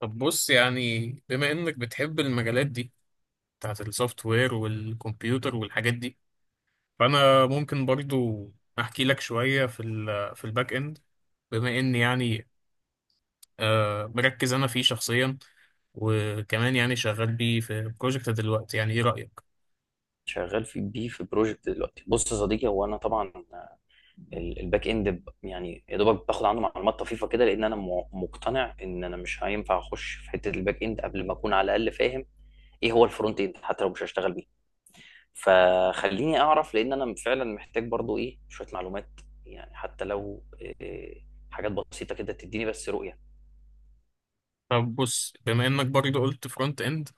طب بص، يعني بما انك بتحب المجالات دي، بتاعت السوفت وير والكمبيوتر والحاجات دي، فانا ممكن برضو احكي لك شوية في الباك اند، بما اني يعني مركز انا فيه شخصيا، وكمان يعني شغال بيه في بروجكت دلوقتي. يعني ايه رأيك؟ شغال في بيه في بروجكت دلوقتي. بص يا صديقي، هو انا طبعا الباك اند، يعني يا دوبك باخد عنه معلومات طفيفه كده، لان انا مقتنع ان انا مش هينفع اخش في حته الباك اند قبل ما اكون على الاقل فاهم ايه هو الفرونت اند، حتى لو مش هشتغل بيه. فخليني اعرف، لان انا فعلا محتاج برضو ايه شويه معلومات، يعني حتى لو إيه، حاجات بسيطه كده تديني بس رؤيه. طب بص، بما انك برضو قلت فرونت اند،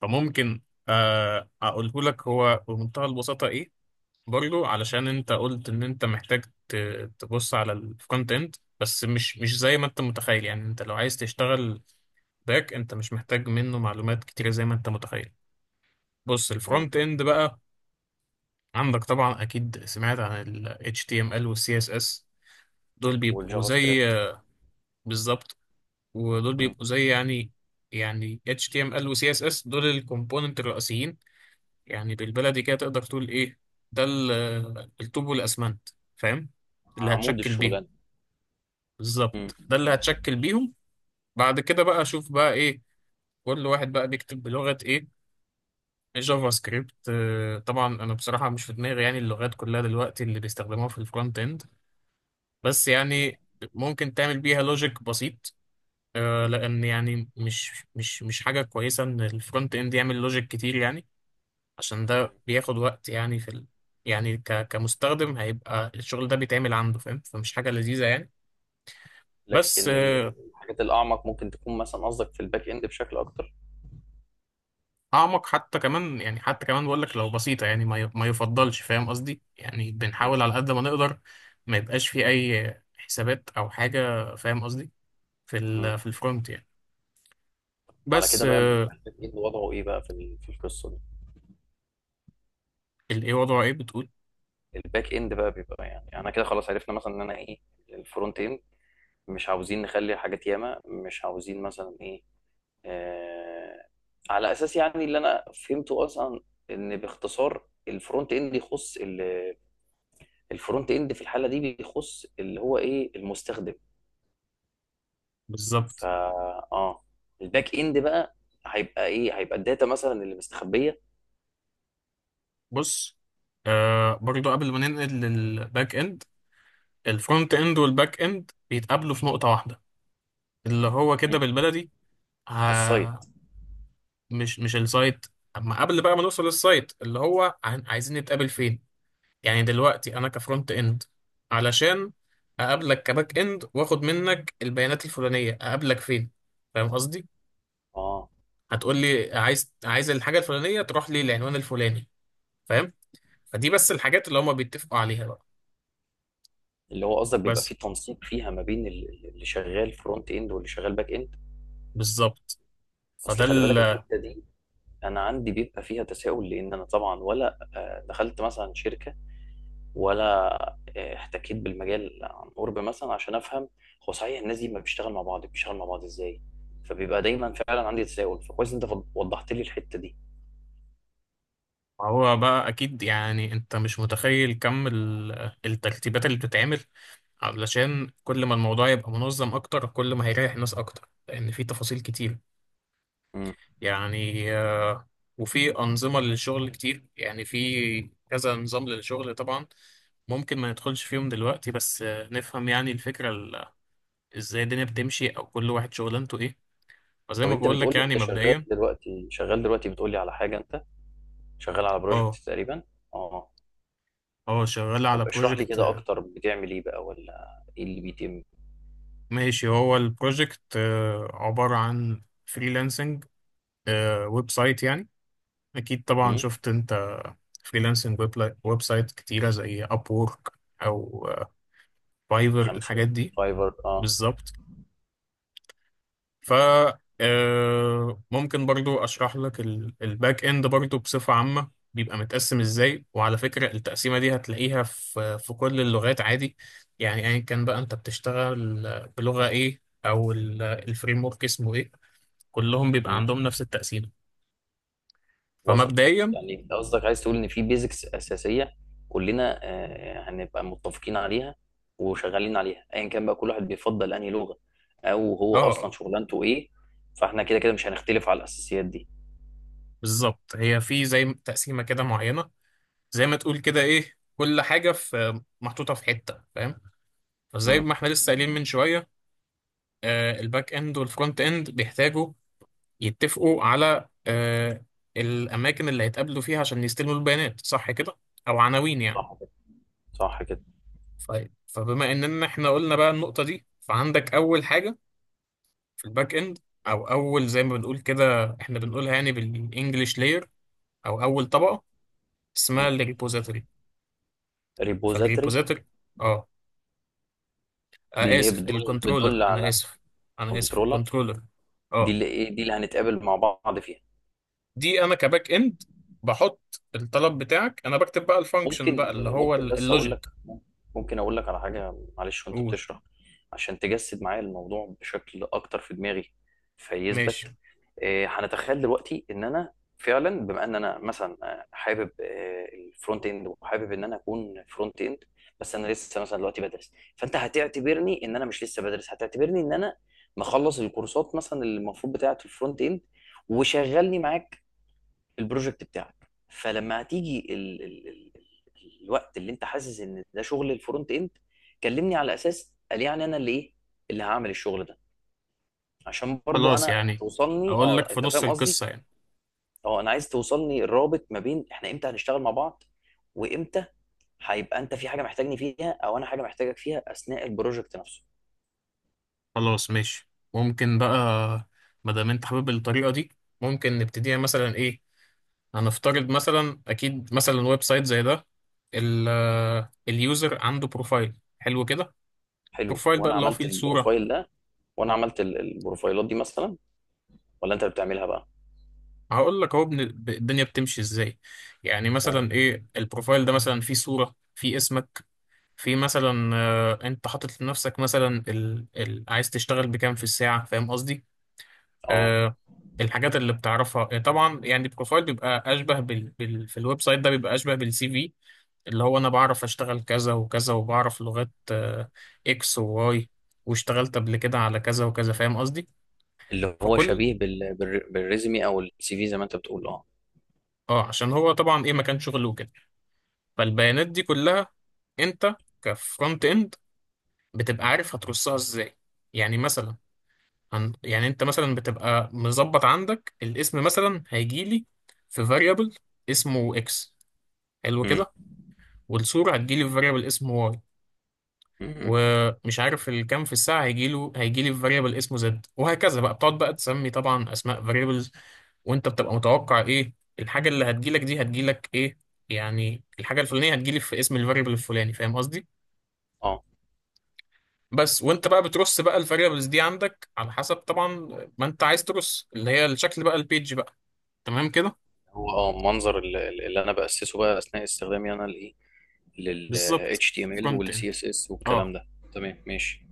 فممكن اقوله لك هو بمنتهى البساطة ايه، برضو علشان انت قلت ان انت محتاج تبص على الكونتنت، بس مش زي ما انت متخيل. يعني انت لو عايز تشتغل باك، انت مش محتاج منه معلومات كتيرة زي ما انت متخيل. بص، مم. الفرونت اند بقى عندك طبعا، اكيد سمعت عن ال HTML وال CSS، دول بيبقوا والجافا زي، سكريبت. بالظبط، ودول مم. بيبقوا زي، يعني HTML و CSS دول الكومبوننت الرئيسيين. يعني بالبلدي كده تقدر تقول ايه، ده الطوب والاسمنت، فاهم، اللي عمود هتشكل بيهم. الشغلانه. مم. بالظبط، ده اللي هتشكل بيهم. بعد كده بقى اشوف بقى ايه، كل واحد بقى بيكتب بلغة ايه. جافا سكريبت، طبعا انا بصراحة مش في دماغي يعني اللغات كلها دلوقتي اللي بيستخدموها في الفرونت اند، بس يعني ممكن تعمل بيها لوجيك بسيط، لان يعني مش حاجة كويسة ان الفرونت اند يعمل لوجيك كتير. يعني عشان ده بياخد وقت يعني يعني كمستخدم هيبقى الشغل ده بيتعمل عنده، فاهم، فمش حاجة لذيذة يعني. بس لكن الحاجات الأعمق ممكن تكون مثلا قصدك في الباك إند بشكل أكتر. اعمق حتى كمان، يعني حتى كمان بقول لك لو بسيطه، يعني ما ما يفضلش، فاهم قصدي. يعني بنحاول مم. على قد ما نقدر ما يبقاش في اي حسابات او حاجه، فاهم قصدي، في مم. ال في الفرونت يعني. على بس كده بقى، بيبقى الباك إند وضعه إيه بقى في في القصة دي؟ الايه وضعه ايه بتقول؟ الباك إند بقى بيبقى يعني، أنا كده خلاص عرفنا مثلا إن أنا إيه الفرونت إند، مش عاوزين نخلي حاجات ياما، مش عاوزين مثلا إيه، آه، على أساس يعني اللي أنا فهمته أصلا، إن باختصار الفرونت إند يخص الفرونت إند في الحالة دي بيخص اللي هو إيه المستخدم. بالظبط. فا، اه، الباك اند بقى هيبقى ايه، هيبقى الداتا مثلا اللي مستخبيه. بص، برضو قبل ما ننقل للباك اند، الفرونت اند والباك اند بيتقابلوا في نقطه واحده، اللي هو كده مم. بالبلدي، السايت. آه مش السايت. اما قبل بقى ما نوصل للسايت، اللي هو عايزين نتقابل فين. يعني دلوقتي انا كفرونت اند، علشان اقابلك كباك اند واخد منك البيانات الفلانيه، اقابلك فين، فاهم قصدي؟ اه، هتقول لي عايز الحاجه الفلانيه تروح لي العنوان الفلاني، فاهم. فدي بس الحاجات اللي هما بيتفقوا عليها بقى، اللي هو قصدك بيبقى بس. فيه تنسيق فيها ما بين اللي شغال فرونت اند واللي شغال باك اند. بالظبط، فده اصل خلي ال- بالك الحته دي انا عندي بيبقى فيها تساؤل، لان انا طبعا، ولا دخلت مثلا شركه، ولا احتكيت بالمجال عن قرب مثلا عشان افهم هو صحيح الناس دي ما بتشتغل مع بعض، بتشتغل مع بعض ازاي. فبيبقى دايما فعلا عندي تساؤل، فكويس إن انت وضحت لي الحته دي. هو بقى اكيد يعني انت مش متخيل كم الترتيبات اللي بتتعمل علشان كل ما الموضوع يبقى منظم اكتر، كل ما هيريح الناس اكتر، لان في تفاصيل كتير يعني، وفي أنظمة للشغل كتير. يعني في كذا نظام للشغل طبعا، ممكن ما ندخلش فيهم دلوقتي، بس نفهم يعني الفكرة، ازاي الدنيا بتمشي، أو كل واحد شغلانته ايه، وزي طب ما انت بقول لك بتقول لي يعني انت شغال مبدئيا. دلوقتي، بتقول لي على حاجه، انت شغال على بروجكت اه. تقريبا؟ اه. اه، شغال على طب اشرح لي بروجكت. كده اكتر، بتعمل ايه بقى، ولا ايه اللي بيتم؟ ماشي، هو البروجكت عبارة عن فريلانسنج ويب سايت يعني، أكيد طبعا امم. شفت أنت فريلانسنج ويب سايت كتيرة زي أب وورك أو فايفر، خمسه. الحاجات دي. فايفر اه. بالظبط. ف آه، ممكن برضو اشرح لك الباك اند برضو بصفة عامة بيبقى متقسم ازاي. وعلى فكرة التقسيمة دي هتلاقيها في كل اللغات عادي، يعني ايا كان بقى انت بتشتغل بلغة ايه، او الفريم ورك اسمه ايه، كلهم بيبقى امم. عندهم نفس التقسيمة. وصلت. فمبدئيا، يعني انت قصدك عايز تقول ان في بيزكس اساسيه كلنا آه هنبقى متفقين عليها وشغالين عليها، ايا كان بقى كل واحد بيفضل انهي لغه، او هو اصلا اه. شغلانته ايه. فاحنا كده كده مش هنختلف على الاساسيات دي. بالظبط، هي في زي تقسيمة كده معينة، زي ما تقول كده ايه، كل حاجة في محطوطة في حتة، فاهم. فزي امم. ما احنا لسه قايلين من شوية، الباك اند والفرونت اند بيحتاجوا يتفقوا على الاماكن اللي هيتقابلوا فيها عشان يستلموا البيانات، صح كده، او عناوين يعني. صح كده. صح كده. ف- فبما اننا احنا قلنا بقى النقطة دي، فعندك اول حاجة في الباك اند، او اول زي ما بنقول كده، احنا بنقولها يعني بالانجلش لاير، او اول طبقة، اسمها امم. الريبوزيتوري. ريبوزاتري. فالريبوزيتوري، اه دي اللي هي اسف، بتدل الكنترولر، بتدل انا على. اسف. انا اسف، كنترولر. الكنترولر. دي اه، اللي ايه، دي اللي هنتقابل مع بعض فيها؟ دي انا كباك اند بحط الطلب بتاعك، انا بكتب بقى الفانكشن بقى ممكن اللي هو ممكن بس اقول لك، اللوجيك. ممكن اقول لك على حاجه معلش وانت قول. بتشرح؟ عشان تجسد معايا الموضوع بشكل اكتر في دماغي، فيثبت. ماشي. هنتخيل دلوقتي ان انا فعلا، بما ان انا مثلا حابب الفرونت اند، وحابب ان انا اكون فرونت اند، بس انا لسه مثلا دلوقتي بدرس، فانت هتعتبرني ان انا مش لسه بدرس، هتعتبرني ان انا مخلص الكورسات مثلا اللي المفروض بتاعه الفرونت اند، وشغلني معاك في البروجكت بتاعك. فلما هتيجي الوقت اللي انت حاسس ان ده شغل الفرونت اند، كلمني على اساس قال يعني انا اللي ايه اللي هعمل الشغل ده، عشان برضو خلاص انا يعني، توصلني. اقول لك اه، في انت نص فاهم قصدي؟ القصة يعني. اه، انا عايز توصلني الرابط ما بين احنا امتى هنشتغل مع بعض، وامتى هيبقى انت في حاجه محتاجني فيها او انا حاجه محتاجك فيها اثناء البروجكت نفسه. خلاص ماشي. ممكن بقى، ما دام انت حابب الطريقة دي، ممكن نبتديها مثلا ايه. هنفترض مثلا، اكيد مثلا ويب سايت زي ده، ال- اليوزر عنده بروفايل حلو كده. حلو، بروفايل بقى وانا اللي هو عملت فيه الصورة. البروفايل ده؟ وانا عملت البروفايلات دي مثلا، ولا انت اللي بتعملها بقى؟ هقول لك اهو الدنيا بتمشي ازاي. يعني اه. مثلا ايه، البروفايل ده مثلا فيه صورة، فيه اسمك، في مثلا انت حاطط لنفسك مثلا عايز تشتغل بكام في الساعة، فاهم قصدي. آه. آه الحاجات اللي بتعرفها. طبعا يعني البروفايل بيبقى اشبه في الويب سايت ده بيبقى اشبه بالسي في، اللي هو انا بعرف اشتغل كذا وكذا، وبعرف لغات اكس وواي، واشتغلت قبل كده على كذا وكذا، فاهم قصدي. اللي هو فكل شبيه بالريزمي او السي في، زي ما انت بتقول، اه. اه عشان هو طبعا ايه، مكان شغله وكده. فالبيانات دي كلها انت كفرونت اند بتبقى عارف هترصها ازاي. يعني مثلا يعني انت مثلا بتبقى مظبط عندك، الاسم مثلا هيجيلي في variable اسمه x، حلو امم. كده، والصورة هتجيلي في variable اسمه y، أمم. ومش عارف الكام في الساعة هيجيلي في variable اسمه z، وهكذا بقى. بتقعد بقى تسمي طبعا اسماء variables، وانت بتبقى متوقع ايه الحاجة اللي هتجيلك دي، هتجيلك ايه. يعني الحاجة الفلانية هتجيلي في اسم الفاريبل الفلاني، فاهم قصدي؟ اه. بس. وانت بقى بترص بقى الفاريبلز دي عندك على حسب طبعا ما انت عايز ترص، اللي هي الشكل بقى، البيج بقى، تمام كده؟ هو اه منظر اللي انا باسسه بقى اثناء استخدامي انا لايه، لل بالظبط. HTML فرونت وال اند، CSS والكلام اه. ده. تمام ماشي.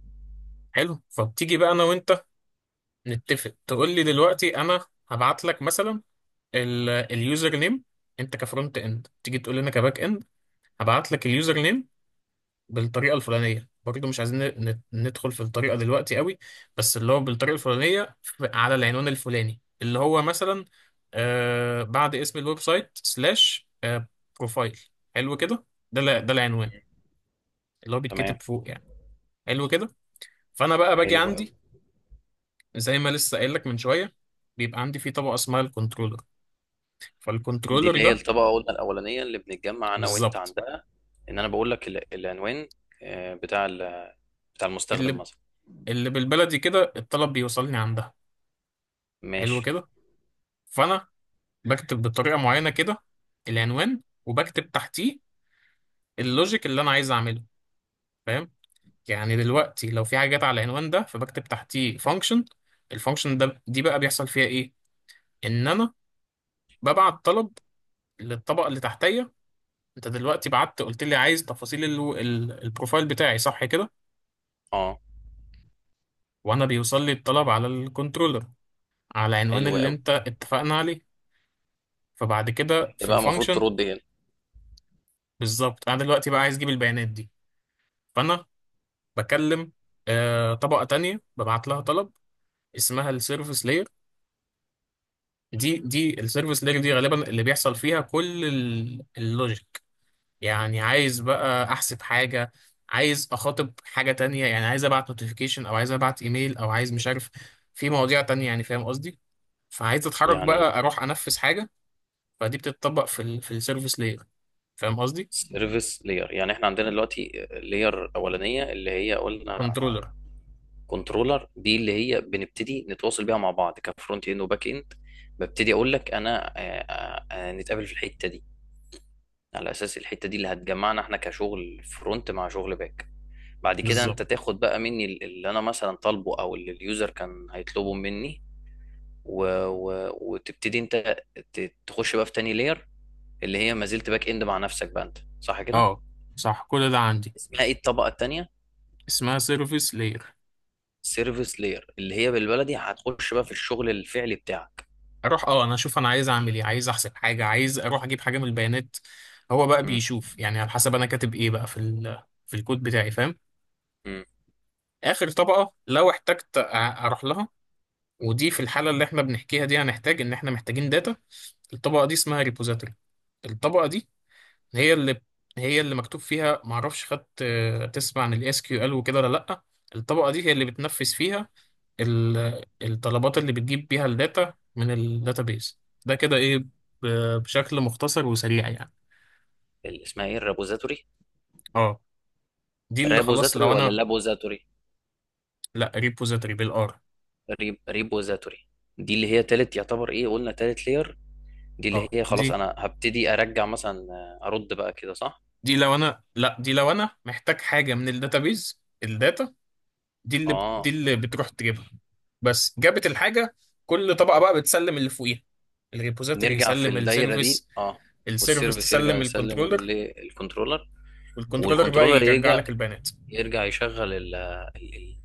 حلو. فبتيجي بقى انا وانت نتفق، تقول لي دلوقتي انا هبعت لك مثلا اليوزر نيم، انت كفرونت اند تيجي تقول لي انا كباك اند هبعت لك اليوزر نيم بالطريقه الفلانيه، برضه مش عايزين ندخل في الطريقه دلوقتي قوي، بس اللي هو بالطريقه الفلانيه على العنوان الفلاني، اللي هو مثلا بعد اسم الويب سايت، سلاش بروفايل، حلو كده. ده العنوان أمم. اللي هو تمام. بيتكتب فوق يعني. حلو كده. فانا بقى باجي حلو. عندي، زي ما لسه قايل لك من شويه، بيبقى عندي فيه طبقه اسمها الكنترولر. دي فالكنترولر اللي هي ده، الطبقة قلنا الأولانية اللي بنتجمع أنا وأنت بالظبط، عندها. إن أنا بقول لك العنوان، آه، بتاع بتاع المستخدم اللي مثلا. اللي بالبلدي كده الطلب بيوصلني عندها. حلو ماشي. كده. فانا بكتب بطريقه معينه كده العنوان، وبكتب تحتيه اللوجيك اللي انا عايز اعمله، فاهم. يعني دلوقتي لو في حاجات على العنوان ده، فبكتب تحتيه فانكشن. الفانكشن ده دي بقى بيحصل فيها ايه؟ ان انا ببعت طلب للطبقه اللي تحتيه. انت دلوقتي بعت قلت لي عايز تفاصيل البروفايل بتاعي، صح كده، أه. وانا بيوصل لي الطلب على الكنترولر، على عنوان حلو اللي أوي. انت اتفقنا عليه. فبعد كده ده في بقى المفروض الفانكشن، ترد هنا؟ بالظبط، انا دلوقتي بقى عايز اجيب البيانات دي. فانا بكلم طبقة تانية، ببعت لها طلب، اسمها السيرفيس لاير. دي السيرفيس لاير دي غالبا اللي بيحصل فيها كل اللوجيك. يعني عايز بقى احسب حاجة، عايز اخاطب حاجة تانية، يعني عايز ابعت نوتيفيكيشن، او عايز ابعت ايميل، او عايز مش عارف، في مواضيع تانية يعني، فاهم قصدي. فعايز اتحرك يعني بقى اروح انفذ حاجة، فدي بتتطبق في السيرفيس لاير، فاهم قصدي. سيرفيس لاير، يعني إحنا عندنا دلوقتي لاير أولانية اللي هي قلنا كنترولر، كنترولر، دي اللي هي بنبتدي نتواصل بيها مع بعض كفرونت إند وباك إند، ببتدي أقول لك أنا نتقابل في الحتة دي، على أساس الحتة دي اللي هتجمعنا إحنا كشغل فرونت مع شغل باك. بعد كده بالظبط. انت تاخد بقى مني اللي انا مثلا طالبه او اللي اليوزر كان هيطلبه مني، وتبتدي انت تخش بقى في تاني لاير، اللي هي ما زلت باك اند مع نفسك بقى انت، صح كده؟ اه، صح، كل ده عندي. اسمها ايه الطبقة التانية؟ اسمها سيرفيس لاير. سيرفيس لاير. اللي هي بالبلدي هتخش بقى في الشغل الفعلي بتاعك. اروح انا اشوف انا عايز اعمل ايه، عايز احسب حاجه، عايز اروح اجيب حاجه من البيانات. هو بقى م- بيشوف يعني على حسب انا كاتب ايه بقى في الكود بتاعي، فاهم. م. اخر طبقه لو احتجت اروح لها، ودي في الحاله اللي احنا بنحكيها دي هنحتاج ان احنا محتاجين داتا. الطبقه دي اسمها ريبوزيتوري. الطبقه دي هي اللي هي اللي مكتوب فيها، معرفش خدت، تسمع عن الاس كيو ال وكده، ولا لا؟ الطبقه دي هي اللي بتنفذ فيها الطلبات اللي بتجيب بيها الداتا من الداتابيز. ده كده ايه، بشكل مختصر وسريع يعني. اللي اسمها ايه، الرابوزاتوري؟ اه، دي اللي خلاص رابوزاتوري لو ولا انا. لابوزاتوري؟ لا، ريبوزيتوري بالار. ريبوزاتوري. دي اللي هي تالت، يعتبر ايه، قلنا تالت لاير. دي اه، اللي هي دي خلاص انا هبتدي ارجع مثلا ارد بقى كده، صح؟ دي لو انا، لا، دي لو انا محتاج حاجه من الداتابيز، الداتا دي اللي دي اه. اللي بتروح تجيبها. بس، جابت الحاجة. كل طبقة بقى بتسلم اللي فوقيها، الريبوزيتوري نرجع في يسلم الدايره دي، السيرفيس اه. السيرفيس والسيرفيس يرجع تسلم يسلم الكنترولر، للكنترولر. والكنترولر بقى والكنترولر يرجع يرجع، لك البيانات. يرجع يشغل ال- ال-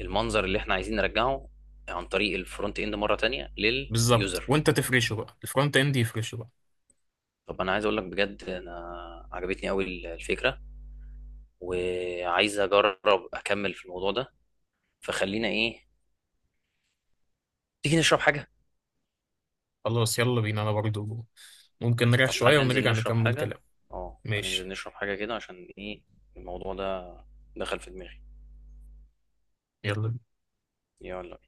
المنظر اللي احنا عايزين نرجعه عن طريق الفرونت اند مره تانية بالظبط، لليوزر. وانت تفرشه بقى، الفرونت اند يفرشه بقى. طب انا عايز اقول لك بجد، انا عجبتني قوي الفكره، وعايز اجرب اكمل في الموضوع ده. فخلينا ايه، تيجي نشرب حاجه. خلاص، يلا بينا. انا برضو ممكن نريح طب تعالى شوية ننزل ونرجع نشرب نكمل حاجه. كلام. اه، تعالى ننزل ماشي. نشرب حاجه كده، عشان ايه، الموضوع ده دخل في دماغي. يلا. يلا.